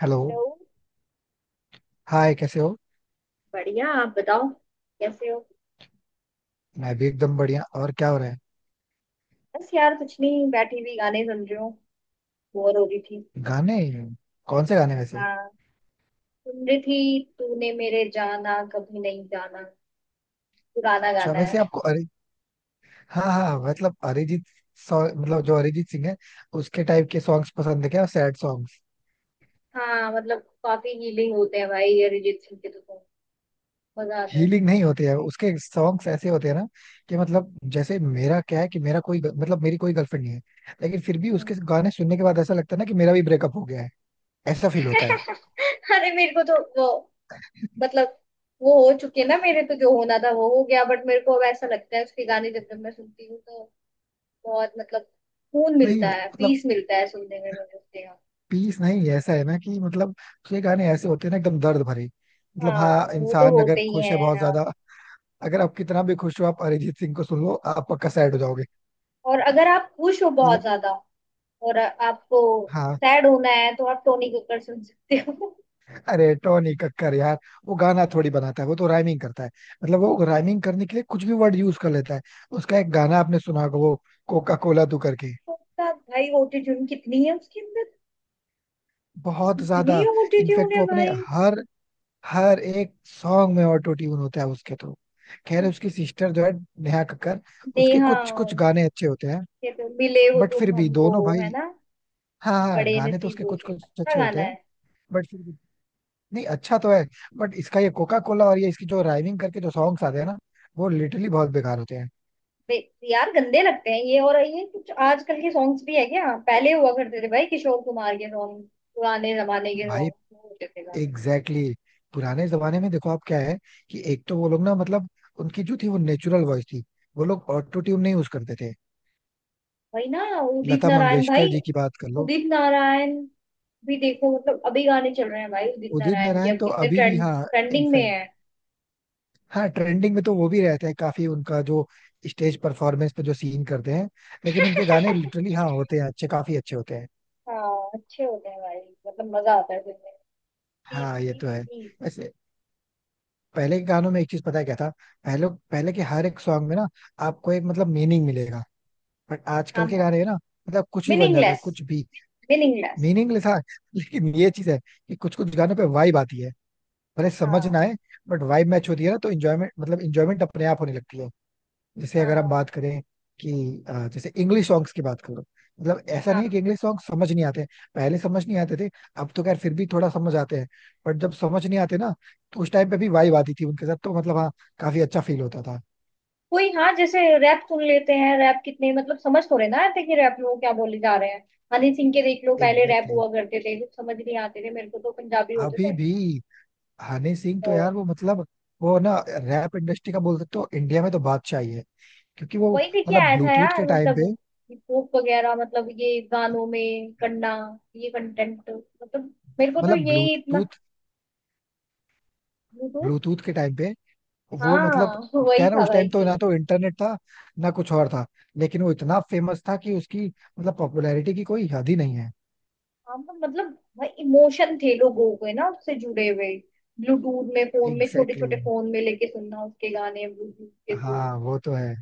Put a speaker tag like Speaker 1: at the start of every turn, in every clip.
Speaker 1: Hello.
Speaker 2: Hello.
Speaker 1: Hi, कैसे हो?
Speaker 2: बढ़िया, आप बताओ, कैसे हो?
Speaker 1: मैं भी एकदम बढ़िया. और क्या हो रहा है?
Speaker 2: बस यार कुछ नहीं, बैठी हुई गाने सुन रही हूँ। बोर हो रही थी।
Speaker 1: गाने? कौन से गाने वैसे?
Speaker 2: हाँ, सुन रही थी तूने मेरे जाना कभी नहीं जाना। पुराना
Speaker 1: अच्छा,
Speaker 2: गाना है।
Speaker 1: वैसे आपको, अरे, हाँ हाँ हाँ, मतलब अरिजीत. मतलब जो अरिजीत सिंह है, उसके टाइप के सॉन्ग्स पसंद है क्या? Sad songs?
Speaker 2: हाँ, मतलब काफी हीलिंग होते हैं भाई अरिजीत सिंह के तो song। मजा आता है
Speaker 1: हीलिंग
Speaker 2: सुनकर।
Speaker 1: नहीं होते हैं उसके सॉन्ग्स. ऐसे होते हैं ना कि मतलब, जैसे मेरा क्या है कि मेरा कोई, मतलब मेरी कोई गर्लफ्रेंड नहीं है, लेकिन फिर भी उसके
Speaker 2: हम्म।
Speaker 1: गाने सुनने के बाद ऐसा लगता है ना कि मेरा भी ब्रेकअप हो गया है. ऐसा फील होता है.
Speaker 2: अरे मेरे को तो वो, मतलब वो हो चुके ना, मेरे तो जो होना था वो हो गया बट मेरे को अब ऐसा लगता है उसके गाने जब जब मैं सुनती हूँ तो बहुत, मतलब सुकून
Speaker 1: नहीं,
Speaker 2: मिलता है,
Speaker 1: मतलब
Speaker 2: पीस मिलता है सुनने में मुझे उसके।
Speaker 1: पीस नहीं, ऐसा है ना कि मतलब ये गाने ऐसे होते हैं ना, एकदम दर्द भरे, मतलब
Speaker 2: हाँ,
Speaker 1: हाँ,
Speaker 2: वो तो
Speaker 1: इंसान
Speaker 2: होते
Speaker 1: अगर
Speaker 2: ही
Speaker 1: खुश है बहुत
Speaker 2: हैं, हाँ।
Speaker 1: ज्यादा, अगर आप कितना भी खुश हो, आप अरिजीत सिंह को सुन लो, आप पक्का सैड हो
Speaker 2: हाँ।
Speaker 1: जाओगे.
Speaker 2: और अगर आप खुश हो बहुत
Speaker 1: लेकिन
Speaker 2: ज्यादा और आपको
Speaker 1: हाँ.
Speaker 2: सैड होना है तो आप टोनी कक्कड़ सुन सकते हो।
Speaker 1: अरे टोनी कक्कर यार, वो गाना थोड़ी बनाता है, वो तो राइमिंग करता है. मतलब वो राइमिंग करने के लिए कुछ भी वर्ड यूज कर लेता है. उसका एक गाना आपने सुना होगा, वो कोका कोला तू करके.
Speaker 2: उसका भाई ऑटोट्यून कितनी है उसके अंदर?
Speaker 1: बहुत
Speaker 2: इतनी
Speaker 1: ज्यादा.
Speaker 2: ऑटोट्यून
Speaker 1: इनफैक्ट
Speaker 2: है
Speaker 1: वो अपने
Speaker 2: भाई?
Speaker 1: हर हर एक सॉन्ग में ऑटो ट्यून होता है उसके तो. खैर, उसकी सिस्टर जो है, नेहा कक्कर, उसके
Speaker 2: नेहा।
Speaker 1: कुछ कुछ गाने अच्छे होते हैं.
Speaker 2: ये तो मिले हो
Speaker 1: बट फिर
Speaker 2: तुम
Speaker 1: भी
Speaker 2: हमको,
Speaker 1: दोनों भाई.
Speaker 2: है ना?
Speaker 1: हाँ हाँ,
Speaker 2: बड़े
Speaker 1: गाने तो उसके
Speaker 2: नसीबों
Speaker 1: कुछ
Speaker 2: से,
Speaker 1: कुछ
Speaker 2: अच्छा
Speaker 1: अच्छे होते
Speaker 2: गाना
Speaker 1: हैं,
Speaker 2: है।
Speaker 1: बट फिर भी. नहीं, अच्छा तो है, बट इसका ये कोका कोला और ये इसकी जो राइमिंग करके जो सॉन्ग्स आते हैं ना, वो लिटरली बहुत बेकार होते हैं.
Speaker 2: यार गंदे लगते हैं ये, और ये कुछ आजकल के सॉन्ग्स भी है क्या? पहले हुआ करते थे भाई किशोर कुमार के सॉन्ग। पुराने जमाने के
Speaker 1: भाई,
Speaker 2: सॉन्ग होते थे, गाने।
Speaker 1: Exactly exactly. पुराने जमाने में देखो, आप क्या है कि एक तो वो लोग, ना मतलब, उनकी जो थी वो नेचुरल वॉइस थी. वो लोग ऑटो ट्यून नहीं यूज करते थे.
Speaker 2: वही ना, उदित
Speaker 1: लता
Speaker 2: नारायण
Speaker 1: मंगेशकर
Speaker 2: भाई।
Speaker 1: जी की बात कर लो.
Speaker 2: उदित नारायण भी देखो, मतलब अभी गाने चल रहे हैं भाई उदित
Speaker 1: उदित
Speaker 2: नारायण के,
Speaker 1: नारायण
Speaker 2: अब
Speaker 1: तो
Speaker 2: कितने
Speaker 1: अभी भी,
Speaker 2: ट्रेंड,
Speaker 1: हाँ.
Speaker 2: ट्रेंडिंग में
Speaker 1: इनफैक्ट,
Speaker 2: है।
Speaker 1: हाँ, ट्रेंडिंग में तो वो भी रहते हैं काफी. उनका जो स्टेज परफॉर्मेंस पे जो सीन करते हैं, लेकिन उनके गाने लिटरली हाँ होते हैं अच्छे, काफी अच्छे होते हैं.
Speaker 2: हाँ, अच्छे होते हैं भाई, मतलब मजा आता है सुनने में। तीस
Speaker 1: हाँ ये
Speaker 2: तीस
Speaker 1: तो है.
Speaker 2: तीस
Speaker 1: वैसे पहले के गानों में एक चीज पता है क्या था, पहले पहले के हर एक सॉन्ग में ना, आपको एक, मतलब मीनिंग मिलेगा. बट आजकल
Speaker 2: हाँ।
Speaker 1: के गाने ना, मतलब कुछ भी बन जाता है,
Speaker 2: मीनिंगलेस।
Speaker 1: कुछ भी.
Speaker 2: मीनिंगलेस।
Speaker 1: मीनिंगलेस था लेकिन ये चीज है कि कुछ कुछ गानों पे वाइब आती है, भले समझ ना
Speaker 2: हाँ,
Speaker 1: आए, बट वाइब मैच होती है ना तो इंजॉयमेंट, मतलब इंजॉयमेंट अपने आप होने लगती है. जैसे अगर आप
Speaker 2: हाँ,
Speaker 1: बात करें कि जैसे इंग्लिश सॉन्ग्स की बात करो, मतलब ऐसा
Speaker 2: हाँ।
Speaker 1: नहीं है कि इंग्लिश सॉन्ग समझ नहीं आते हैं. पहले समझ नहीं आते थे, अब तो खैर फिर भी थोड़ा समझ आते हैं. बट जब समझ नहीं आते ना, तो उस टाइम पे भी वाइब आती थी उनके साथ, तो मतलब हाँ, काफी अच्छा फील होता था.
Speaker 2: कोई, हाँ, जैसे रैप सुन लेते हैं, रैप कितने, मतलब समझ तो रहे ना आते कि रैप लोग क्या बोले जा रहे हैं। हनी सिंह के देख लो, पहले रैप
Speaker 1: एग्जैक्टली exactly.
Speaker 2: हुआ करते थे, कुछ समझ नहीं आते थे मेरे को, तो पंजाबी होते
Speaker 1: अभी
Speaker 2: थे।
Speaker 1: भी हनी सिंह
Speaker 2: तो
Speaker 1: तो यार वो, मतलब वो ना, रैप इंडस्ट्री का बोल सकते हो इंडिया में, तो बादशाह ही है, क्योंकि वो,
Speaker 2: वही लेके
Speaker 1: मतलब
Speaker 2: आया था
Speaker 1: ब्लूटूथ
Speaker 2: यार,
Speaker 1: के टाइम
Speaker 2: मतलब
Speaker 1: पे,
Speaker 2: हिप वगैरह, मतलब ये गानों में करना, ये कंटेंट, मतलब मेरे को तो
Speaker 1: मतलब
Speaker 2: यही इतना।
Speaker 1: Bluetooth
Speaker 2: Bluetooth.
Speaker 1: ब्लूटूथ के टाइम पे वो, मतलब
Speaker 2: हाँ
Speaker 1: क्या
Speaker 2: वही
Speaker 1: है ना,
Speaker 2: था
Speaker 1: उस
Speaker 2: भाई
Speaker 1: टाइम तो
Speaker 2: की।
Speaker 1: ना तो इंटरनेट था, ना कुछ और था, लेकिन वो इतना फेमस था कि उसकी, मतलब पॉपुलैरिटी की कोई हद ही नहीं है.
Speaker 2: हाँ, मतलब भाई, इमोशन थे लोगों के ना उससे जुड़े हुए। ब्लूटूथ में, फोन में, छोटे
Speaker 1: एग्जैक्टली
Speaker 2: छोटे
Speaker 1: exactly.
Speaker 2: फोन में लेके सुनना उसके गाने ब्लूटूथ के थ्रू।
Speaker 1: हाँ वो तो है.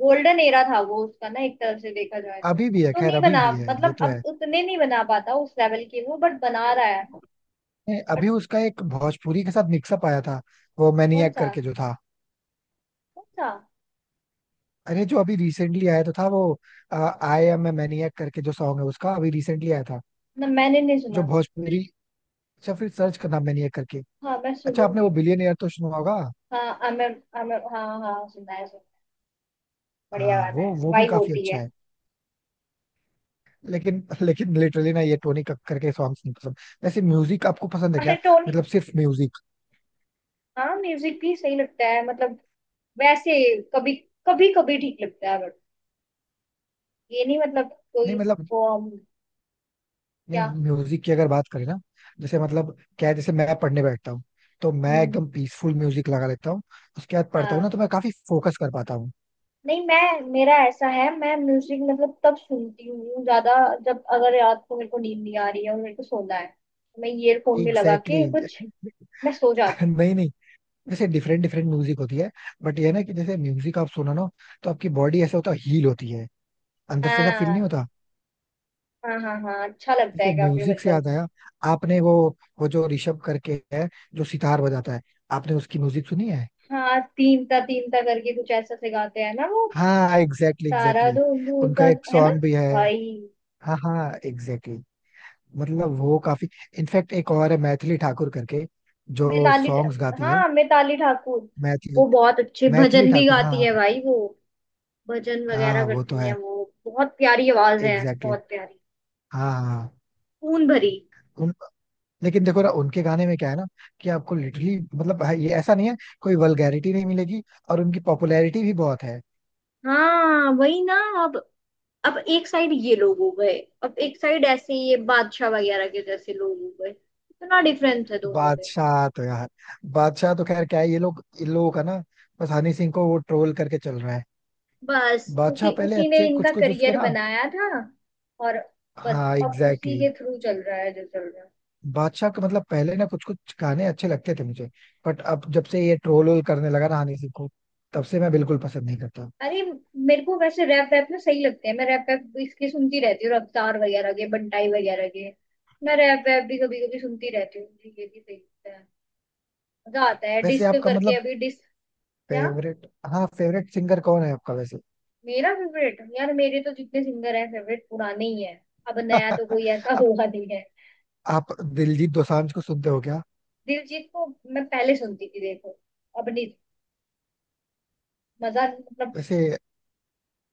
Speaker 2: गोल्डन एरा था वो उसका ना, एक तरह से देखा जाए तो
Speaker 1: अभी
Speaker 2: अब
Speaker 1: भी है,
Speaker 2: तो
Speaker 1: खैर
Speaker 2: नहीं
Speaker 1: अभी
Speaker 2: बना,
Speaker 1: भी है, ये
Speaker 2: मतलब
Speaker 1: तो
Speaker 2: अब
Speaker 1: है.
Speaker 2: उतने नहीं बना पाता उस लेवल के वो, बट बना रहा है।
Speaker 1: नहीं, अभी
Speaker 2: बट।
Speaker 1: उसका एक भोजपुरी के साथ मिक्सअप आया था, वो
Speaker 2: कौन
Speaker 1: मैनिएक
Speaker 2: सा?
Speaker 1: करके जो था.
Speaker 2: कौन सा?
Speaker 1: अरे जो अभी रिसेंटली आया तो था वो, आई एम ए मैनिएक करके जो सॉन्ग है, उसका अभी रिसेंटली आया था,
Speaker 2: ना, मैंने नहीं
Speaker 1: जो
Speaker 2: सुना।
Speaker 1: भोजपुरी. अच्छा फिर सर्च करना, मैनिएक करके.
Speaker 2: हाँ, मैं
Speaker 1: अच्छा आपने वो
Speaker 2: सुनूंगी।
Speaker 1: बिलियनियर तो सुना होगा.
Speaker 2: हाँ, आमिर आमिर, हाँ हाँ, सुना है, सुना है। बढ़िया
Speaker 1: हाँ
Speaker 2: गाना
Speaker 1: वो
Speaker 2: है,
Speaker 1: वो भी
Speaker 2: वाइब
Speaker 1: काफी
Speaker 2: होती
Speaker 1: अच्छा
Speaker 2: है।
Speaker 1: है. लेकिन लेकिन लिटरली ना, ये टोनी कक्कर के सॉन्ग्स नहीं पसंद. वैसे म्यूजिक आपको पसंद है
Speaker 2: अरे
Speaker 1: क्या?
Speaker 2: टोन।
Speaker 1: मतलब सिर्फ म्यूजिक.
Speaker 2: हाँ, म्यूजिक भी सही लगता है, मतलब वैसे कभी कभी कभी ठीक लगता है, बट ये नहीं मतलब, कोई
Speaker 1: नहीं मतलब,
Speaker 2: उसको हम।
Speaker 1: नहीं
Speaker 2: क्या?
Speaker 1: म्यूजिक की अगर बात करें ना, जैसे मतलब क्या है, जैसे मैं पढ़ने बैठता हूँ, तो मैं
Speaker 2: हम्म।
Speaker 1: एकदम पीसफुल म्यूजिक लगा लेता हूँ. उसके बाद पढ़ता हूँ ना
Speaker 2: हाँ,
Speaker 1: तो मैं काफी फोकस कर पाता हूँ.
Speaker 2: नहीं मैं, मेरा ऐसा है, मैं म्यूजिक मतलब तब सुनती हूँ ज्यादा जब अगर रात को मेरे को नींद नहीं आ रही है और मेरे को सोना है तो मैं ईयरफोन में लगा
Speaker 1: एग्जैक्टली
Speaker 2: के
Speaker 1: exactly.
Speaker 2: कुछ, मैं सो जाती
Speaker 1: नहीं नहीं, जैसे डिफरेंट डिफरेंट म्यूजिक होती है, बट ये है ना कि जैसे म्यूजिक आप सुनो ना, तो आपकी बॉडी ऐसा होता है, हील होती है
Speaker 2: हूँ।
Speaker 1: अंदर से, ऐसा फील नहीं
Speaker 2: हाँ
Speaker 1: होता?
Speaker 2: हाँ हाँ हाँ, अच्छा लगता है
Speaker 1: ऐसे
Speaker 2: काफी,
Speaker 1: म्यूजिक से याद
Speaker 2: मतलब।
Speaker 1: आया, आपने वो जो ऋषभ करके है, जो सितार बजाता है, आपने उसकी म्यूजिक सुनी है?
Speaker 2: हाँ। तीन ता करके कुछ ऐसा सिखाते हैं ना वो।
Speaker 1: हाँ एग्जैक्टली
Speaker 2: तारा
Speaker 1: एग्जैक्टली.
Speaker 2: धूम धूम ता,
Speaker 1: उनका एक
Speaker 2: है ना
Speaker 1: सॉन्ग भी है.
Speaker 2: भाई?
Speaker 1: हाँ हाँ एग्जैक्टली exactly. मतलब वो काफी, इनफैक्ट एक और है, मैथिली ठाकुर करके, जो सॉन्ग्स गाती है.
Speaker 2: हाँ, मिताली ठाकुर।
Speaker 1: मैथिली,
Speaker 2: वो बहुत अच्छे
Speaker 1: मैथिली
Speaker 2: भजन भी
Speaker 1: ठाकुर, हाँ
Speaker 2: गाती
Speaker 1: हाँ.
Speaker 2: है भाई वो। भजन वगैरह
Speaker 1: हाँ वो तो
Speaker 2: करती
Speaker 1: है,
Speaker 2: है, वो बहुत प्यारी आवाज है।
Speaker 1: Exactly exactly.
Speaker 2: बहुत प्यारी।
Speaker 1: हाँ हाँ हाँ.
Speaker 2: खून भरी।
Speaker 1: उन, लेकिन देखो ना उनके गाने में क्या है ना कि आपको लिटरली, मतलब हाँ, ये ऐसा नहीं है, कोई वल्गैरिटी नहीं मिलेगी, और उनकी पॉपुलैरिटी भी बहुत है.
Speaker 2: हाँ, वही ना। अब अब एक साइड ये लोग हो गए, अब एक साइड ऐसे ये बादशाह वगैरह के जैसे लोग हो गए, इतना डिफरेंस है दोनों।
Speaker 1: बादशाह तो यार, बादशाह तो खैर क्या है, ये लोग इन लोगों का ना, बस हनी सिंह को वो ट्रोल करके चल रहा है.
Speaker 2: बस
Speaker 1: बादशाह
Speaker 2: उसी
Speaker 1: पहले
Speaker 2: उसी ने
Speaker 1: अच्छे कुछ
Speaker 2: इनका
Speaker 1: कुछ उसके
Speaker 2: करियर
Speaker 1: ना.
Speaker 2: बनाया था। और बस
Speaker 1: हाँ
Speaker 2: अब
Speaker 1: एग्जैक्टली
Speaker 2: उसी के
Speaker 1: exactly.
Speaker 2: थ्रू चल रहा है जो चल रहा है।
Speaker 1: बादशाह का मतलब पहले ना कुछ कुछ गाने अच्छे लगते थे मुझे, बट अब जब से ये ट्रोल वोल करने लगा ना हनी सिंह को, तब से मैं बिल्कुल पसंद नहीं करता.
Speaker 2: अरे, मेरे को वैसे रैप वैप ना सही लगते हैं, मैं रैप वैप इसके सुनती रहती हूँ, रफ्तार वगैरह के, बंटाई वगैरह के। मैं रैप वैप भी कभी कभी सुनती रहती हूँ, मुझे ये भी सही लगता है। मजा आता है
Speaker 1: वैसे
Speaker 2: डिस्क
Speaker 1: आपका
Speaker 2: करके,
Speaker 1: मतलब
Speaker 2: अभी डिस्क। क्या?
Speaker 1: फेवरेट, हाँ फेवरेट सिंगर कौन है आपका वैसे?
Speaker 2: मेरा फेवरेट यार, मेरे तो जितने सिंगर हैं फेवरेट पुराने ही हैं। अब नया तो कोई ऐसा
Speaker 1: आप
Speaker 2: हुआ नहीं है।
Speaker 1: आप दिलजीत दोसांझ को सुनते हो क्या?
Speaker 2: दिलजीत को मैं पहले सुनती थी, देखो। अब नहीं। मजा मतलब।
Speaker 1: वैसे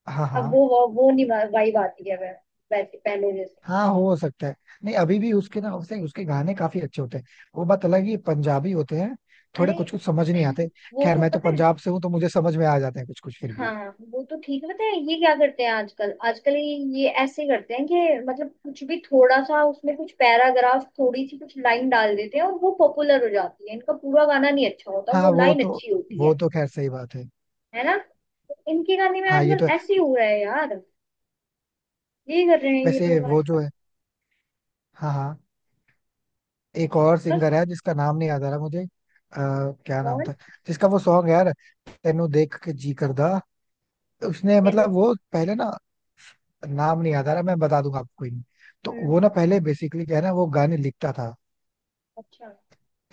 Speaker 1: हाँ
Speaker 2: अब
Speaker 1: हाँ,
Speaker 2: वो, वो नहीं। वाइब आती है। वैसे पहले जैसे।
Speaker 1: हाँ हो सकता है. नहीं अभी भी उसके ना, उसके उसके गाने काफी अच्छे होते हैं. वो बात अलग ही पंजाबी होते हैं, थोड़े
Speaker 2: अरे,
Speaker 1: कुछ कुछ समझ नहीं आते.
Speaker 2: वो
Speaker 1: खैर,
Speaker 2: तो
Speaker 1: मैं तो
Speaker 2: पता है।
Speaker 1: पंजाब से हूँ तो मुझे समझ में आ जाते हैं कुछ कुछ फिर भी.
Speaker 2: हाँ, वो तो ठीक है, पता है। ये क्या करते हैं आजकल, आजकल ये ऐसे करते हैं कि मतलब कुछ भी, थोड़ा सा उसमें कुछ पैराग्राफ, थोड़ी सी कुछ लाइन डाल देते हैं और वो पॉपुलर हो जाती है। इनका पूरा गाना नहीं अच्छा होता,
Speaker 1: हाँ
Speaker 2: वो
Speaker 1: वो
Speaker 2: लाइन
Speaker 1: तो,
Speaker 2: अच्छी होती
Speaker 1: वो
Speaker 2: है।
Speaker 1: तो खैर सही बात है.
Speaker 2: है ना? तो इनके गाने में
Speaker 1: हाँ ये
Speaker 2: आजकल
Speaker 1: तो है.
Speaker 2: ऐसे ही हो रहा है यार। यही कर रहे हैं ये
Speaker 1: वैसे
Speaker 2: लोग
Speaker 1: वो जो
Speaker 2: आजकल।
Speaker 1: है, हाँ हाँ, एक और
Speaker 2: बस।
Speaker 1: सिंगर है जिसका नाम नहीं याद आ रहा मुझे, क्या नाम
Speaker 2: कौन?
Speaker 1: था, जिसका वो सॉन्ग है यार, तेनू देख के जी करदा. उसने,
Speaker 2: मेनू।
Speaker 1: मतलब वो पहले ना, नाम नहीं याद आ रहा, मैं बता दूंगा आपको, कोई नहीं. तो वो
Speaker 2: हम्म।
Speaker 1: ना पहले बेसिकली क्या है ना, वो गाने लिखता था.
Speaker 2: अच्छा।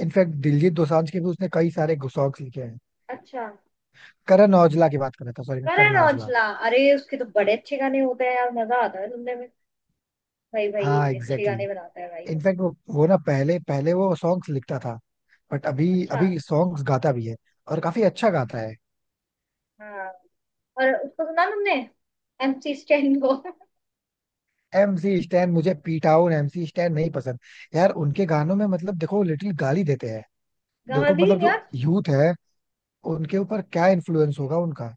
Speaker 1: इनफैक्ट दिलजीत दोसांझ के भी उसने कई सारे सॉन्ग्स लिखे हैं.
Speaker 2: अच्छा।
Speaker 1: करण औजला की बात कर रहा था, सॉरी, मैं करण
Speaker 2: करण
Speaker 1: औजला.
Speaker 2: औजला। अरे उसके तो बड़े अच्छे गाने होते हैं यार, मजा आता है सुनने में। भाई भाई
Speaker 1: हाँ
Speaker 2: ये अच्छे
Speaker 1: एग्जैक्टली
Speaker 2: गाने
Speaker 1: exactly.
Speaker 2: बनाता है भाई वो।
Speaker 1: इनफैक्ट वो ना पहले, पहले वो सॉन्ग्स लिखता था, बट अभी,
Speaker 2: अच्छा।
Speaker 1: अभी सॉन्ग्स गाता भी है, और काफी अच्छा गाता है.
Speaker 2: हाँ। और उसको सुना तुमने, एमसी स्टैन को?
Speaker 1: एमसी स्टैन, मुझे पीटाउन एमसी स्टैन नहीं पसंद. यार उनके गानों में मतलब देखो, लिटिल गाली देते हैं, देखो
Speaker 2: गाने ही
Speaker 1: मतलब जो
Speaker 2: यार।
Speaker 1: यूथ है, उनके ऊपर क्या इन्फ्लुएंस होगा उनका,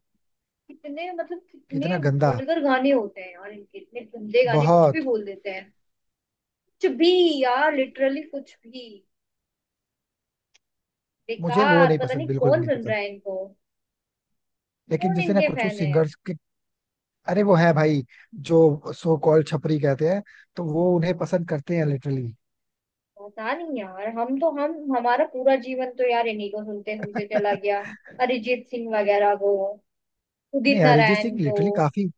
Speaker 2: कितने, मतलब
Speaker 1: कितना
Speaker 2: कितने
Speaker 1: गंदा,
Speaker 2: वल्गर गाने होते हैं, और इनके इतने गंदे गाने, कुछ भी
Speaker 1: बहुत.
Speaker 2: बोल देते हैं, कुछ भी। यार लिटरली कुछ भी।
Speaker 1: मुझे वो
Speaker 2: बेकार,
Speaker 1: नहीं
Speaker 2: पता
Speaker 1: पसंद,
Speaker 2: नहीं
Speaker 1: बिल्कुल भी
Speaker 2: कौन
Speaker 1: नहीं
Speaker 2: सुन रहा
Speaker 1: पसंद.
Speaker 2: है इनको।
Speaker 1: लेकिन
Speaker 2: कौन
Speaker 1: जैसे ना
Speaker 2: इनके
Speaker 1: कुछ कुछ
Speaker 2: फैन है?
Speaker 1: सिंगर्स, अरे वो है भाई, जो सो कॉल्ड छपरी कहते हैं, तो वो उन्हें पसंद करते हैं लिटरली.
Speaker 2: पता नहीं यार, हम हमारा पूरा जीवन तो यार इन्हीं को सुनते सुनते चला गया। अरिजीत सिंह वगैरह को, उदित
Speaker 1: नहीं अरिजीत
Speaker 2: नारायण
Speaker 1: सिंह
Speaker 2: को।
Speaker 1: लिटरली काफी,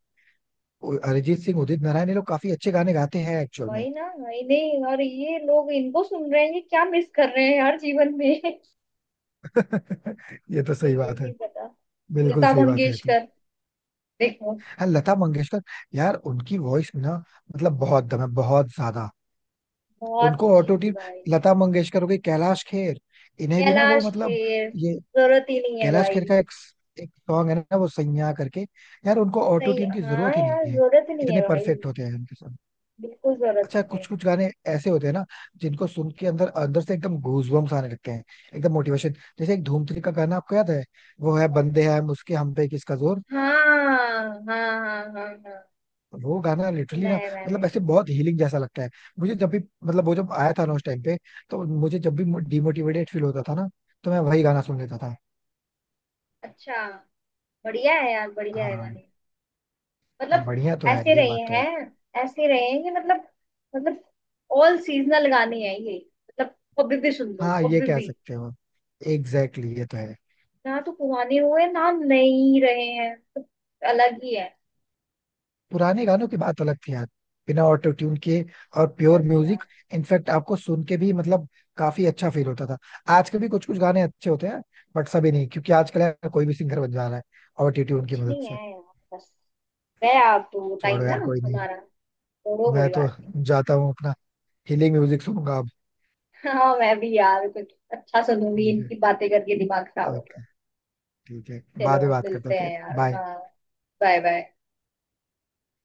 Speaker 1: अरिजीत सिंह, उदित नारायण, ये लोग काफी अच्छे गाने गाते हैं एक्चुअल में.
Speaker 2: वही ना, वही नहीं और ये लोग इनको सुन रहे हैं, ये क्या मिस कर रहे हैं हर जीवन में। मुझे
Speaker 1: ये तो सही
Speaker 2: ये
Speaker 1: बात
Speaker 2: नहीं
Speaker 1: है,
Speaker 2: पता।
Speaker 1: बिल्कुल
Speaker 2: लता
Speaker 1: सही बात है तो.
Speaker 2: मंगेशकर, देखो,
Speaker 1: हाँ लता मंगेशकर, यार उनकी वॉइस में ना, मतलब बहुत दम है, बहुत ज्यादा.
Speaker 2: बहुत
Speaker 1: उनको
Speaker 2: अच्छी
Speaker 1: ऑटो
Speaker 2: थी
Speaker 1: ट्यून,
Speaker 2: भाई।
Speaker 1: लता मंगेशकर हो गई, कैलाश खेर, इन्हें भी ना वो
Speaker 2: कैलाश
Speaker 1: मतलब,
Speaker 2: खेर,
Speaker 1: ये
Speaker 2: जरूरत ही नहीं है
Speaker 1: कैलाश
Speaker 2: भाई।
Speaker 1: खेर का एक, एक सॉन्ग है ना, वो सैयां करके, यार उनको ऑटो
Speaker 2: सही,
Speaker 1: ट्यून की
Speaker 2: हाँ
Speaker 1: जरूरत ही नहीं
Speaker 2: यार,
Speaker 1: है.
Speaker 2: जरूरत ही नहीं
Speaker 1: इतने
Speaker 2: है भाई।
Speaker 1: परफेक्ट होते हैं उनके सॉन्ग.
Speaker 2: बिल्कुल जरूरत
Speaker 1: अच्छा
Speaker 2: नहीं
Speaker 1: कुछ
Speaker 2: है।
Speaker 1: कुछ गाने ऐसे होते हैं ना, जिनको सुन के अंदर, अंदर से एकदम गूजबम्स आने लगते हैं, एकदम मोटिवेशन. जैसे एक धूम 3 का गाना आपको याद है, वो है
Speaker 2: कौन सा?
Speaker 1: बंदे हैं हम उसके हम पे किसका जोर.
Speaker 2: हाँ हाँ हाँ हाँ हाँ,
Speaker 1: वो गाना
Speaker 2: सुना
Speaker 1: लिटरली ना,
Speaker 2: है
Speaker 1: मतलब
Speaker 2: मैंने।
Speaker 1: ऐसे बहुत हीलिंग जैसा लगता है. मुझे जब भी, मतलब वो जब आया था ना उस टाइम पे, तो मुझे जब भी डिमोटिवेटेड फील होता था ना, तो मैं वही गाना सुन लेता था.
Speaker 2: अच्छा, बढ़िया है यार, बढ़िया है
Speaker 1: हाँ.
Speaker 2: गाने,
Speaker 1: हाँ,
Speaker 2: मतलब।
Speaker 1: बढ़िया तो है यार,
Speaker 2: ऐसे
Speaker 1: ये
Speaker 2: रहे
Speaker 1: बात तो है.
Speaker 2: हैं, ऐसे रहे हैं कि मतलब मतलब ऑल सीजनल गाने हैं ये, मतलब कभी भी सुन लो
Speaker 1: हाँ ये
Speaker 2: कभी
Speaker 1: कह
Speaker 2: भी।
Speaker 1: सकते हो, एग्जैक्टली exactly, ये तो है.
Speaker 2: ना तो पुराने हुए, ना नहीं रहे हैं तो, अलग ही है।
Speaker 1: पुराने गानों की बात अलग थी यार, बिना ऑटो ट्यून के, और प्योर
Speaker 2: बस
Speaker 1: म्यूजिक.
Speaker 2: यार
Speaker 1: इनफैक्ट आपको सुन के भी मतलब, काफी अच्छा फील होता था. आजकल भी कुछ कुछ गाने अच्छे होते हैं, बट सभी नहीं, क्योंकि आजकल यार कोई भी सिंगर बन जा रहा है, ऑटो ट्यून की
Speaker 2: कुछ
Speaker 1: मदद
Speaker 2: नहीं
Speaker 1: से.
Speaker 2: है यार। बस, गया आप तो वो टाइम
Speaker 1: छोड़ो
Speaker 2: ना,
Speaker 1: यार कोई नहीं है.
Speaker 2: हमारा। छोड़ो,
Speaker 1: मैं
Speaker 2: कोई
Speaker 1: तो
Speaker 2: बात
Speaker 1: जाता हूँ, अपना हीलिंग म्यूजिक सुनूंगा अब.
Speaker 2: नहीं। हाँ, मैं भी यार कुछ अच्छा सुनूंगी,
Speaker 1: ठीक है.
Speaker 2: इनकी बातें करके दिमाग खराब हो गया।
Speaker 1: ओके. ठीक है,
Speaker 2: चलो
Speaker 1: बाद में बात
Speaker 2: मिलते
Speaker 1: करते
Speaker 2: हैं
Speaker 1: हैं,
Speaker 2: यार,
Speaker 1: बाय.
Speaker 2: हाँ। Bye bye.